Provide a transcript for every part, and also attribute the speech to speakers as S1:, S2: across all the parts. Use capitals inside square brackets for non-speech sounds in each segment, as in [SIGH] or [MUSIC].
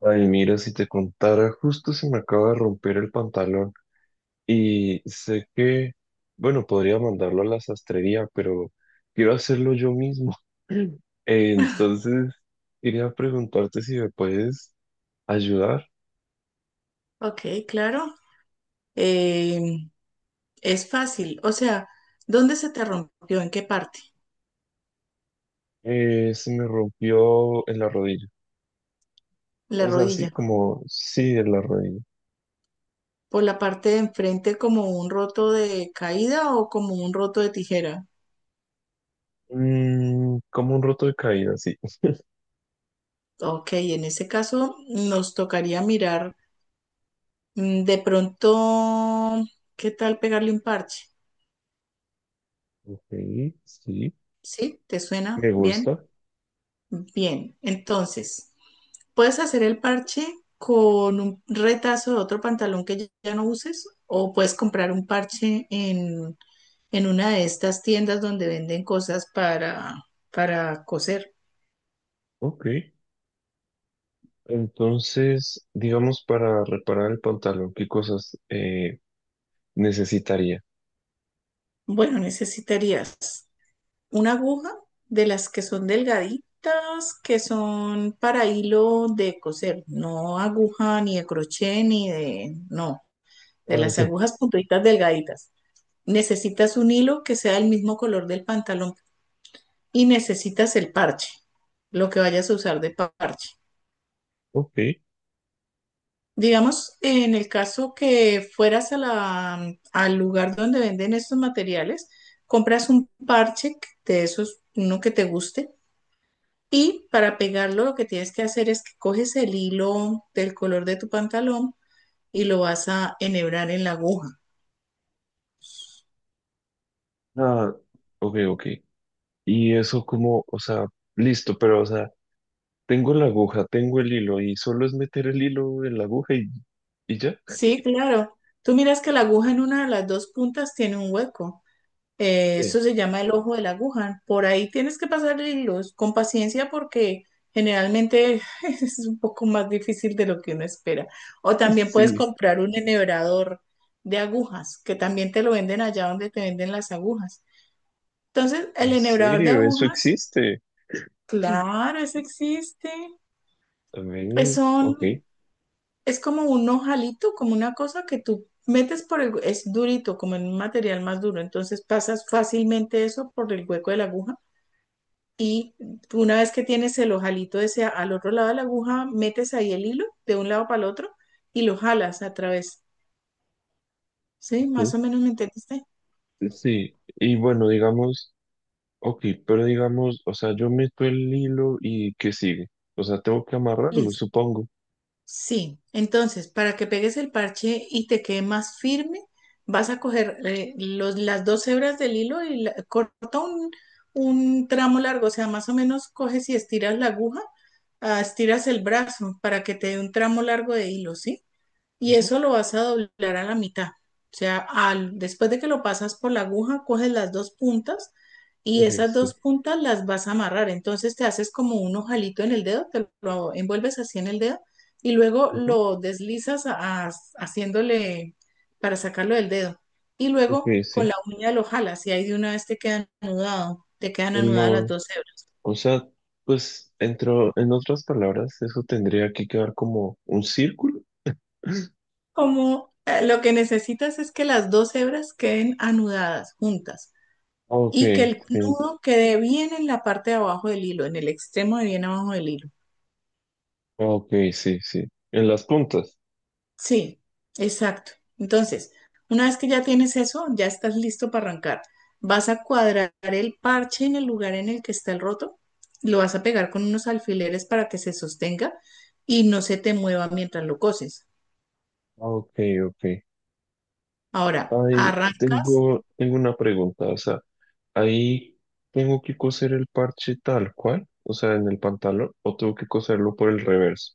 S1: Ay, mira, si te contara, justo se me acaba de romper el pantalón y sé que, bueno, podría mandarlo a la sastrería, pero quiero hacerlo yo mismo. [LAUGHS] Entonces, quería preguntarte si me puedes ayudar.
S2: Ok, claro. Eh, es fácil. O sea, ¿dónde se te rompió? ¿En qué parte?
S1: Se me rompió en la rodilla.
S2: La
S1: O sea, así
S2: rodilla.
S1: como, sí, en la rodilla.
S2: ¿Por la parte de enfrente como un roto de caída o como un roto de tijera?
S1: Como un roto de caída, sí.
S2: Ok, en ese caso nos tocaría mirar de pronto, ¿qué tal pegarle un parche?
S1: Ok, sí,
S2: ¿Sí? ¿Te suena
S1: me
S2: bien?
S1: gusta.
S2: Bien. Entonces, puedes hacer el parche con un retazo de otro pantalón que ya no uses o puedes comprar un parche en una de estas tiendas donde venden cosas para coser.
S1: Ok. Entonces, digamos, para reparar el pantalón, ¿qué cosas necesitaría?
S2: Bueno, necesitarías una aguja de las que son delgaditas, que son para hilo de coser, no aguja ni de crochet ni de, no, de
S1: Ah,
S2: las
S1: sí.
S2: agujas puntuitas delgaditas. Necesitas un hilo que sea el mismo color del pantalón y necesitas el parche, lo que vayas a usar de parche.
S1: Ok.
S2: Digamos, en el caso que fueras a la, al lugar donde venden estos materiales, compras un parche de esos, uno que te guste, y para pegarlo lo que tienes que hacer es que coges el hilo del color de tu pantalón y lo vas a enhebrar en la aguja.
S1: Ah, ok, ok. Y eso como, o sea, listo, pero, o sea, tengo la aguja, tengo el hilo y solo es meter el hilo en la aguja y ya.
S2: Sí, claro. Tú miras que la aguja en una de las dos puntas tiene un hueco.
S1: Sí.
S2: Eso
S1: [LAUGHS]
S2: se llama el ojo de la aguja. Por ahí tienes que pasar hilos con paciencia porque generalmente [LAUGHS] es un poco más difícil de lo que uno espera. O también puedes
S1: Sí,
S2: comprar un enhebrador de agujas, que también te lo venden allá donde te venden las agujas. Entonces,
S1: en
S2: el enhebrador de
S1: serio, eso
S2: agujas,
S1: existe. Sí.
S2: claro, eso existe. Es,
S1: También,
S2: son,
S1: ok,
S2: es como un ojalito, como una cosa que tú metes por el, es durito, como en un material más duro. Entonces pasas fácilmente eso por el hueco de la aguja. Y una vez que tienes el ojalito ese al otro lado de la aguja, metes ahí el hilo de un lado para el otro y lo jalas a través. ¿Sí? Más
S1: ok.
S2: o menos me entendiste.
S1: Sí, y bueno, digamos. Ok, pero digamos, o sea, yo meto el hilo y ¿qué sigue? O sea, tengo que amarrarlo,
S2: Listo.
S1: supongo.
S2: Sí. Entonces, para que pegues el parche y te quede más firme, vas a coger los, las dos hebras del hilo y corta un tramo largo. O sea, más o menos coges y estiras la aguja, ah, estiras el brazo para que te dé un tramo largo de hilo, ¿sí? Y
S1: Ujú,
S2: eso lo vas a doblar a la mitad. O sea, después de que lo pasas por la aguja, coges las dos puntas y
S1: ok,
S2: esas
S1: sí.
S2: dos puntas las vas a amarrar. Entonces te haces como un ojalito en el dedo, te lo envuelves así en el dedo y luego
S1: Ujú,
S2: lo deslizas haciéndole para sacarlo del dedo. Y
S1: ok,
S2: luego con
S1: sí.
S2: la uña lo jalas y ahí de una vez te quedan anudado, te quedan
S1: El
S2: anudadas las
S1: nodo.
S2: dos hebras.
S1: O sea, pues, entro, en otras palabras, eso tendría que quedar como un círculo.
S2: Como lo que necesitas es que las dos hebras queden anudadas juntas.
S1: Ok,
S2: Y que el
S1: sí.
S2: nudo quede bien en la parte de abajo del hilo, en el extremo de bien abajo del hilo.
S1: Ok, sí, sí. En las puntas.
S2: Sí, exacto. Entonces, una vez que ya tienes eso, ya estás listo para arrancar. Vas a cuadrar el parche en el lugar en el que está el roto, lo vas a pegar con unos alfileres para que se sostenga y no se te mueva mientras lo coses.
S1: Ok, ok.
S2: Ahora,
S1: Ahí
S2: arrancas.
S1: tengo, tengo una pregunta. O sea, ahí tengo que coser el parche tal cual, o sea, en el pantalón, o tengo que coserlo por el reverso.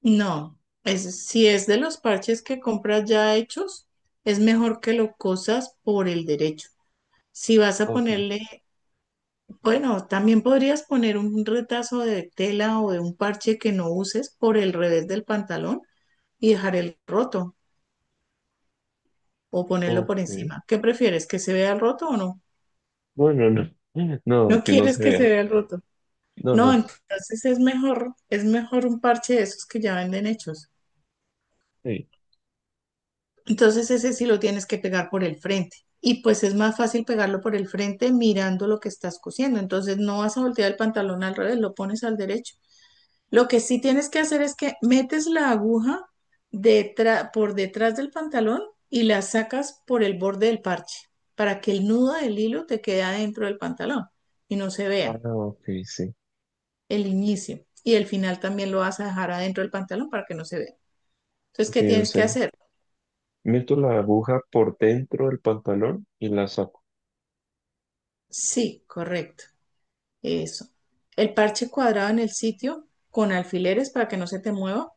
S2: No, es, si es de los parches que compras ya hechos, es mejor que lo cosas por el derecho. Si vas a
S1: Ok,
S2: ponerle, bueno, también podrías poner un retazo de tela o de un parche que no uses por el revés del pantalón y dejar el roto o ponerlo por
S1: ok.
S2: encima. ¿Qué prefieres? ¿Que se vea el roto o no?
S1: No, no, no. [LAUGHS] No,
S2: No
S1: que no
S2: quieres
S1: se
S2: que se
S1: vea.
S2: vea el roto.
S1: No,
S2: No,
S1: no.
S2: entonces es mejor un parche de esos que ya venden hechos.
S1: Sí.
S2: Entonces ese sí lo tienes que pegar por el frente. Y pues es más fácil pegarlo por el frente mirando lo que estás cosiendo. Entonces no vas a voltear el pantalón al revés, lo pones al derecho. Lo que sí tienes que hacer es que metes la aguja por detrás del pantalón y la sacas por el borde del parche para que el nudo del hilo te quede adentro del pantalón y no se
S1: Ah,
S2: vea
S1: ok, sí.
S2: el inicio. Y el final también lo vas a dejar adentro del pantalón para que no se vea. Entonces,
S1: Ok,
S2: ¿qué
S1: o
S2: tienes que
S1: sea,
S2: hacer?
S1: meto la aguja por dentro del pantalón y la saco.
S2: Sí, correcto. Eso. El parche cuadrado en el sitio con alfileres para que no se te mueva.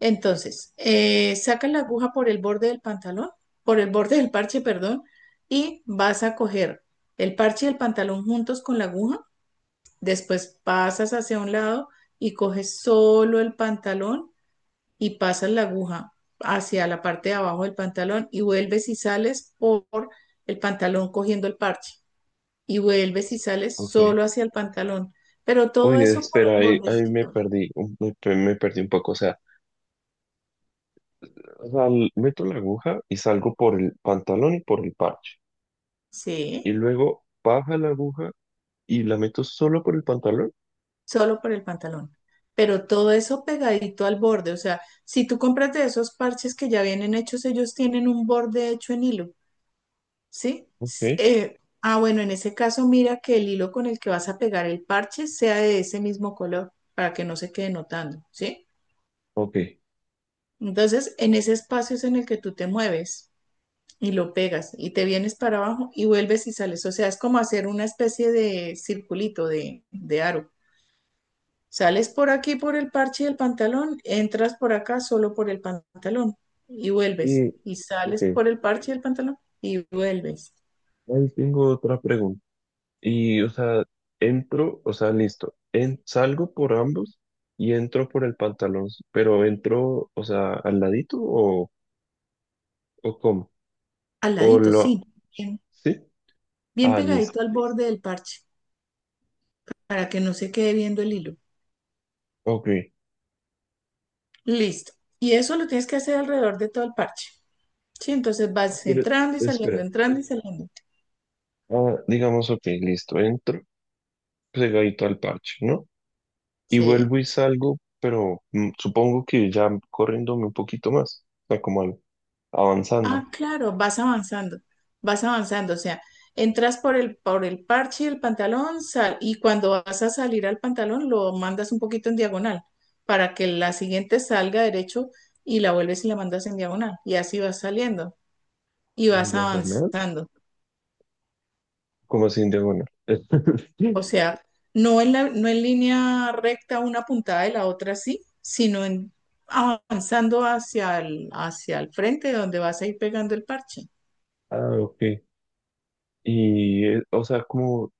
S2: Entonces, sacas la aguja por el borde del pantalón, por el borde del parche, perdón, y vas a coger el parche y el pantalón juntos con la aguja. Después pasas hacia un lado y coges solo el pantalón y pasas la aguja hacia la parte de abajo del pantalón y vuelves y sales por el pantalón cogiendo el parche. Y vuelves y sales
S1: Ok.
S2: solo hacia el pantalón. Pero todo
S1: Oye,
S2: eso por el
S1: espera, ahí me
S2: bordecito,
S1: perdí, me perdí un poco. O sea, meto la aguja y salgo por el pantalón y por el parche. Y
S2: sí,
S1: luego baja la aguja y la meto solo por el pantalón.
S2: solo por el pantalón. Pero todo eso pegadito al borde. O sea, si tú compras de esos parches que ya vienen hechos, ellos tienen un borde hecho en hilo, ¿sí?
S1: Ok,
S2: Ah, bueno, en ese caso, mira que el hilo con el que vas a pegar el parche sea de ese mismo color para que no se quede notando, ¿sí?
S1: ok.
S2: Entonces, en ese espacio es en el que tú te mueves. Y lo pegas y te vienes para abajo y vuelves y sales. O sea, es como hacer una especie de circulito, de aro. Sales por aquí por el parche del pantalón, entras por acá solo por el pantalón y vuelves.
S1: Y,
S2: Y
S1: ok,
S2: sales por el parche del pantalón y vuelves.
S1: ahí tengo otra pregunta. Y, o sea, entro, o sea, listo, en, salgo por ambos y entro por el pantalón, pero entro, o sea, al ladito o cómo,
S2: Al
S1: o
S2: ladito, sí.
S1: lo,
S2: Bien,
S1: ¿sí?
S2: bien
S1: Ah, listo,
S2: pegadito al borde del parche para que no se quede viendo el hilo.
S1: ok.
S2: Listo. Y eso lo tienes que hacer alrededor de todo el parche. Sí, entonces vas
S1: Pero,
S2: entrando y saliendo,
S1: espera,
S2: entrando y saliendo.
S1: ah, digamos, ok, listo, entro pegadito al parche, ¿no? Y
S2: Sí.
S1: vuelvo y salgo, pero supongo que ya corriéndome un poquito más, o sea, avanzando.
S2: Ah, claro, vas avanzando, o sea, entras por el parche del pantalón sal, y cuando vas a salir al pantalón lo mandas un poquito en diagonal para que la siguiente salga derecho y la vuelves y la mandas en diagonal y así vas saliendo y
S1: ¿En
S2: vas
S1: diagonal?
S2: avanzando.
S1: ¿Como así en diagonal?
S2: O
S1: [LAUGHS]
S2: sea, no en la, no en línea recta una puntada de la otra sí, sino en, avanzando hacia el, frente donde vas a ir pegando el parche.
S1: Ah, ok. Y, o sea, como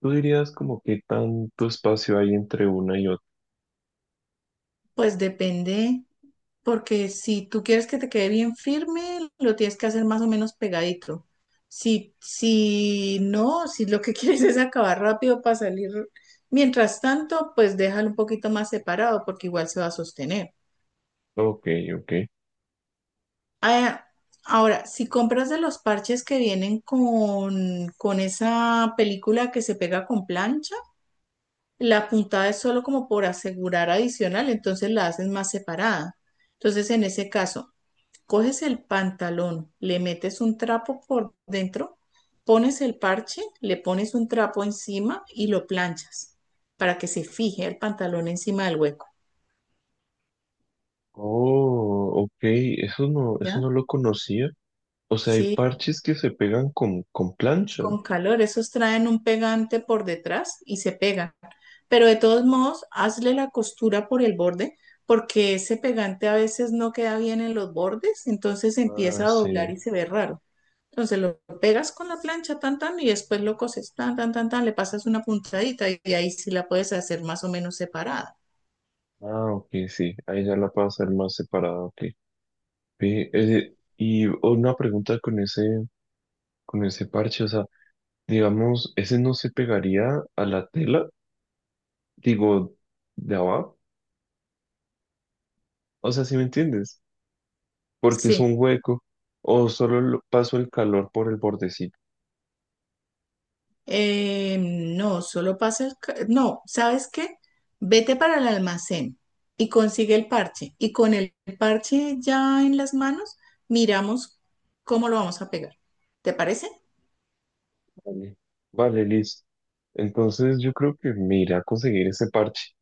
S1: tú dirías como que tanto espacio hay entre una y otra.
S2: Pues depende. Porque si tú quieres que te quede bien firme, lo tienes que hacer más o menos pegadito. Si, si no, si lo que [LAUGHS] quieres es acabar rápido para salir, mientras tanto, pues déjalo un poquito más separado porque igual se va a sostener.
S1: Ok, ok.
S2: Ah, ahora, si compras de los parches que vienen con esa película que se pega con plancha, la puntada es solo como por asegurar adicional, entonces la haces más separada. Entonces, en ese caso... coges el pantalón, le metes un trapo por dentro, pones el parche, le pones un trapo encima y lo planchas para que se fije el pantalón encima del hueco,
S1: Oh, ok, eso
S2: ¿ya?
S1: no lo conocía. O sea, hay
S2: Sí,
S1: parches que se pegan con plancha.
S2: con calor, esos traen un pegante por detrás y se pegan. Pero de todos modos, hazle la costura por el borde porque ese pegante a veces no queda bien en los bordes, entonces
S1: Ah,
S2: empieza a doblar
S1: sí.
S2: y se ve raro. Entonces lo pegas con la plancha, tan, tan, y después lo coses, tan, tan, tan, tan, le pasas una puntadita y ahí sí la puedes hacer más o menos separada.
S1: Ah, ok, sí. Ahí ya la puedo hacer más separada, ok. Ve, y una pregunta con ese parche, o sea, digamos, ese no se pegaría a la tela, digo, de abajo. O sea, ¿si me entiendes? Porque es un
S2: Sí.
S1: hueco, o solo paso el calor por el bordecito.
S2: No, solo pasa el... No, ¿sabes qué? Vete para el almacén y consigue el parche. Y con el parche ya en las manos, miramos cómo lo vamos a pegar. ¿Te parece?
S1: Vale, vale, listo. Entonces yo creo que mira, conseguir ese parche.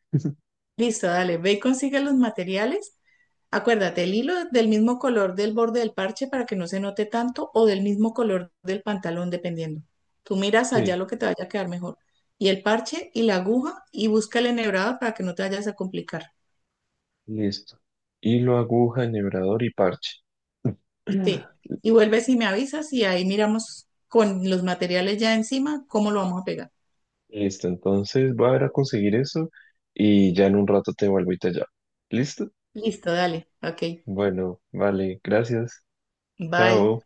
S2: Listo, dale, ve y consigue los materiales. Acuérdate, el hilo del mismo color del borde del parche para que no se note tanto o del mismo color del pantalón, dependiendo. Tú miras allá
S1: Sí,
S2: lo que te vaya a quedar mejor. Y el parche y la aguja y busca el enhebrado para que no te vayas a complicar.
S1: listo. Hilo, aguja, enhebrador y parche.
S2: Sí.
S1: [CLEARS THROAT]
S2: Y vuelves y me avisas y ahí miramos con los materiales ya encima cómo lo vamos a pegar.
S1: Listo, entonces voy a ir a conseguir eso y ya en un rato te vuelvo y te llamo. ¿Listo?
S2: Listo, dale. Ok.
S1: Bueno, vale, gracias.
S2: Bye.
S1: Chao.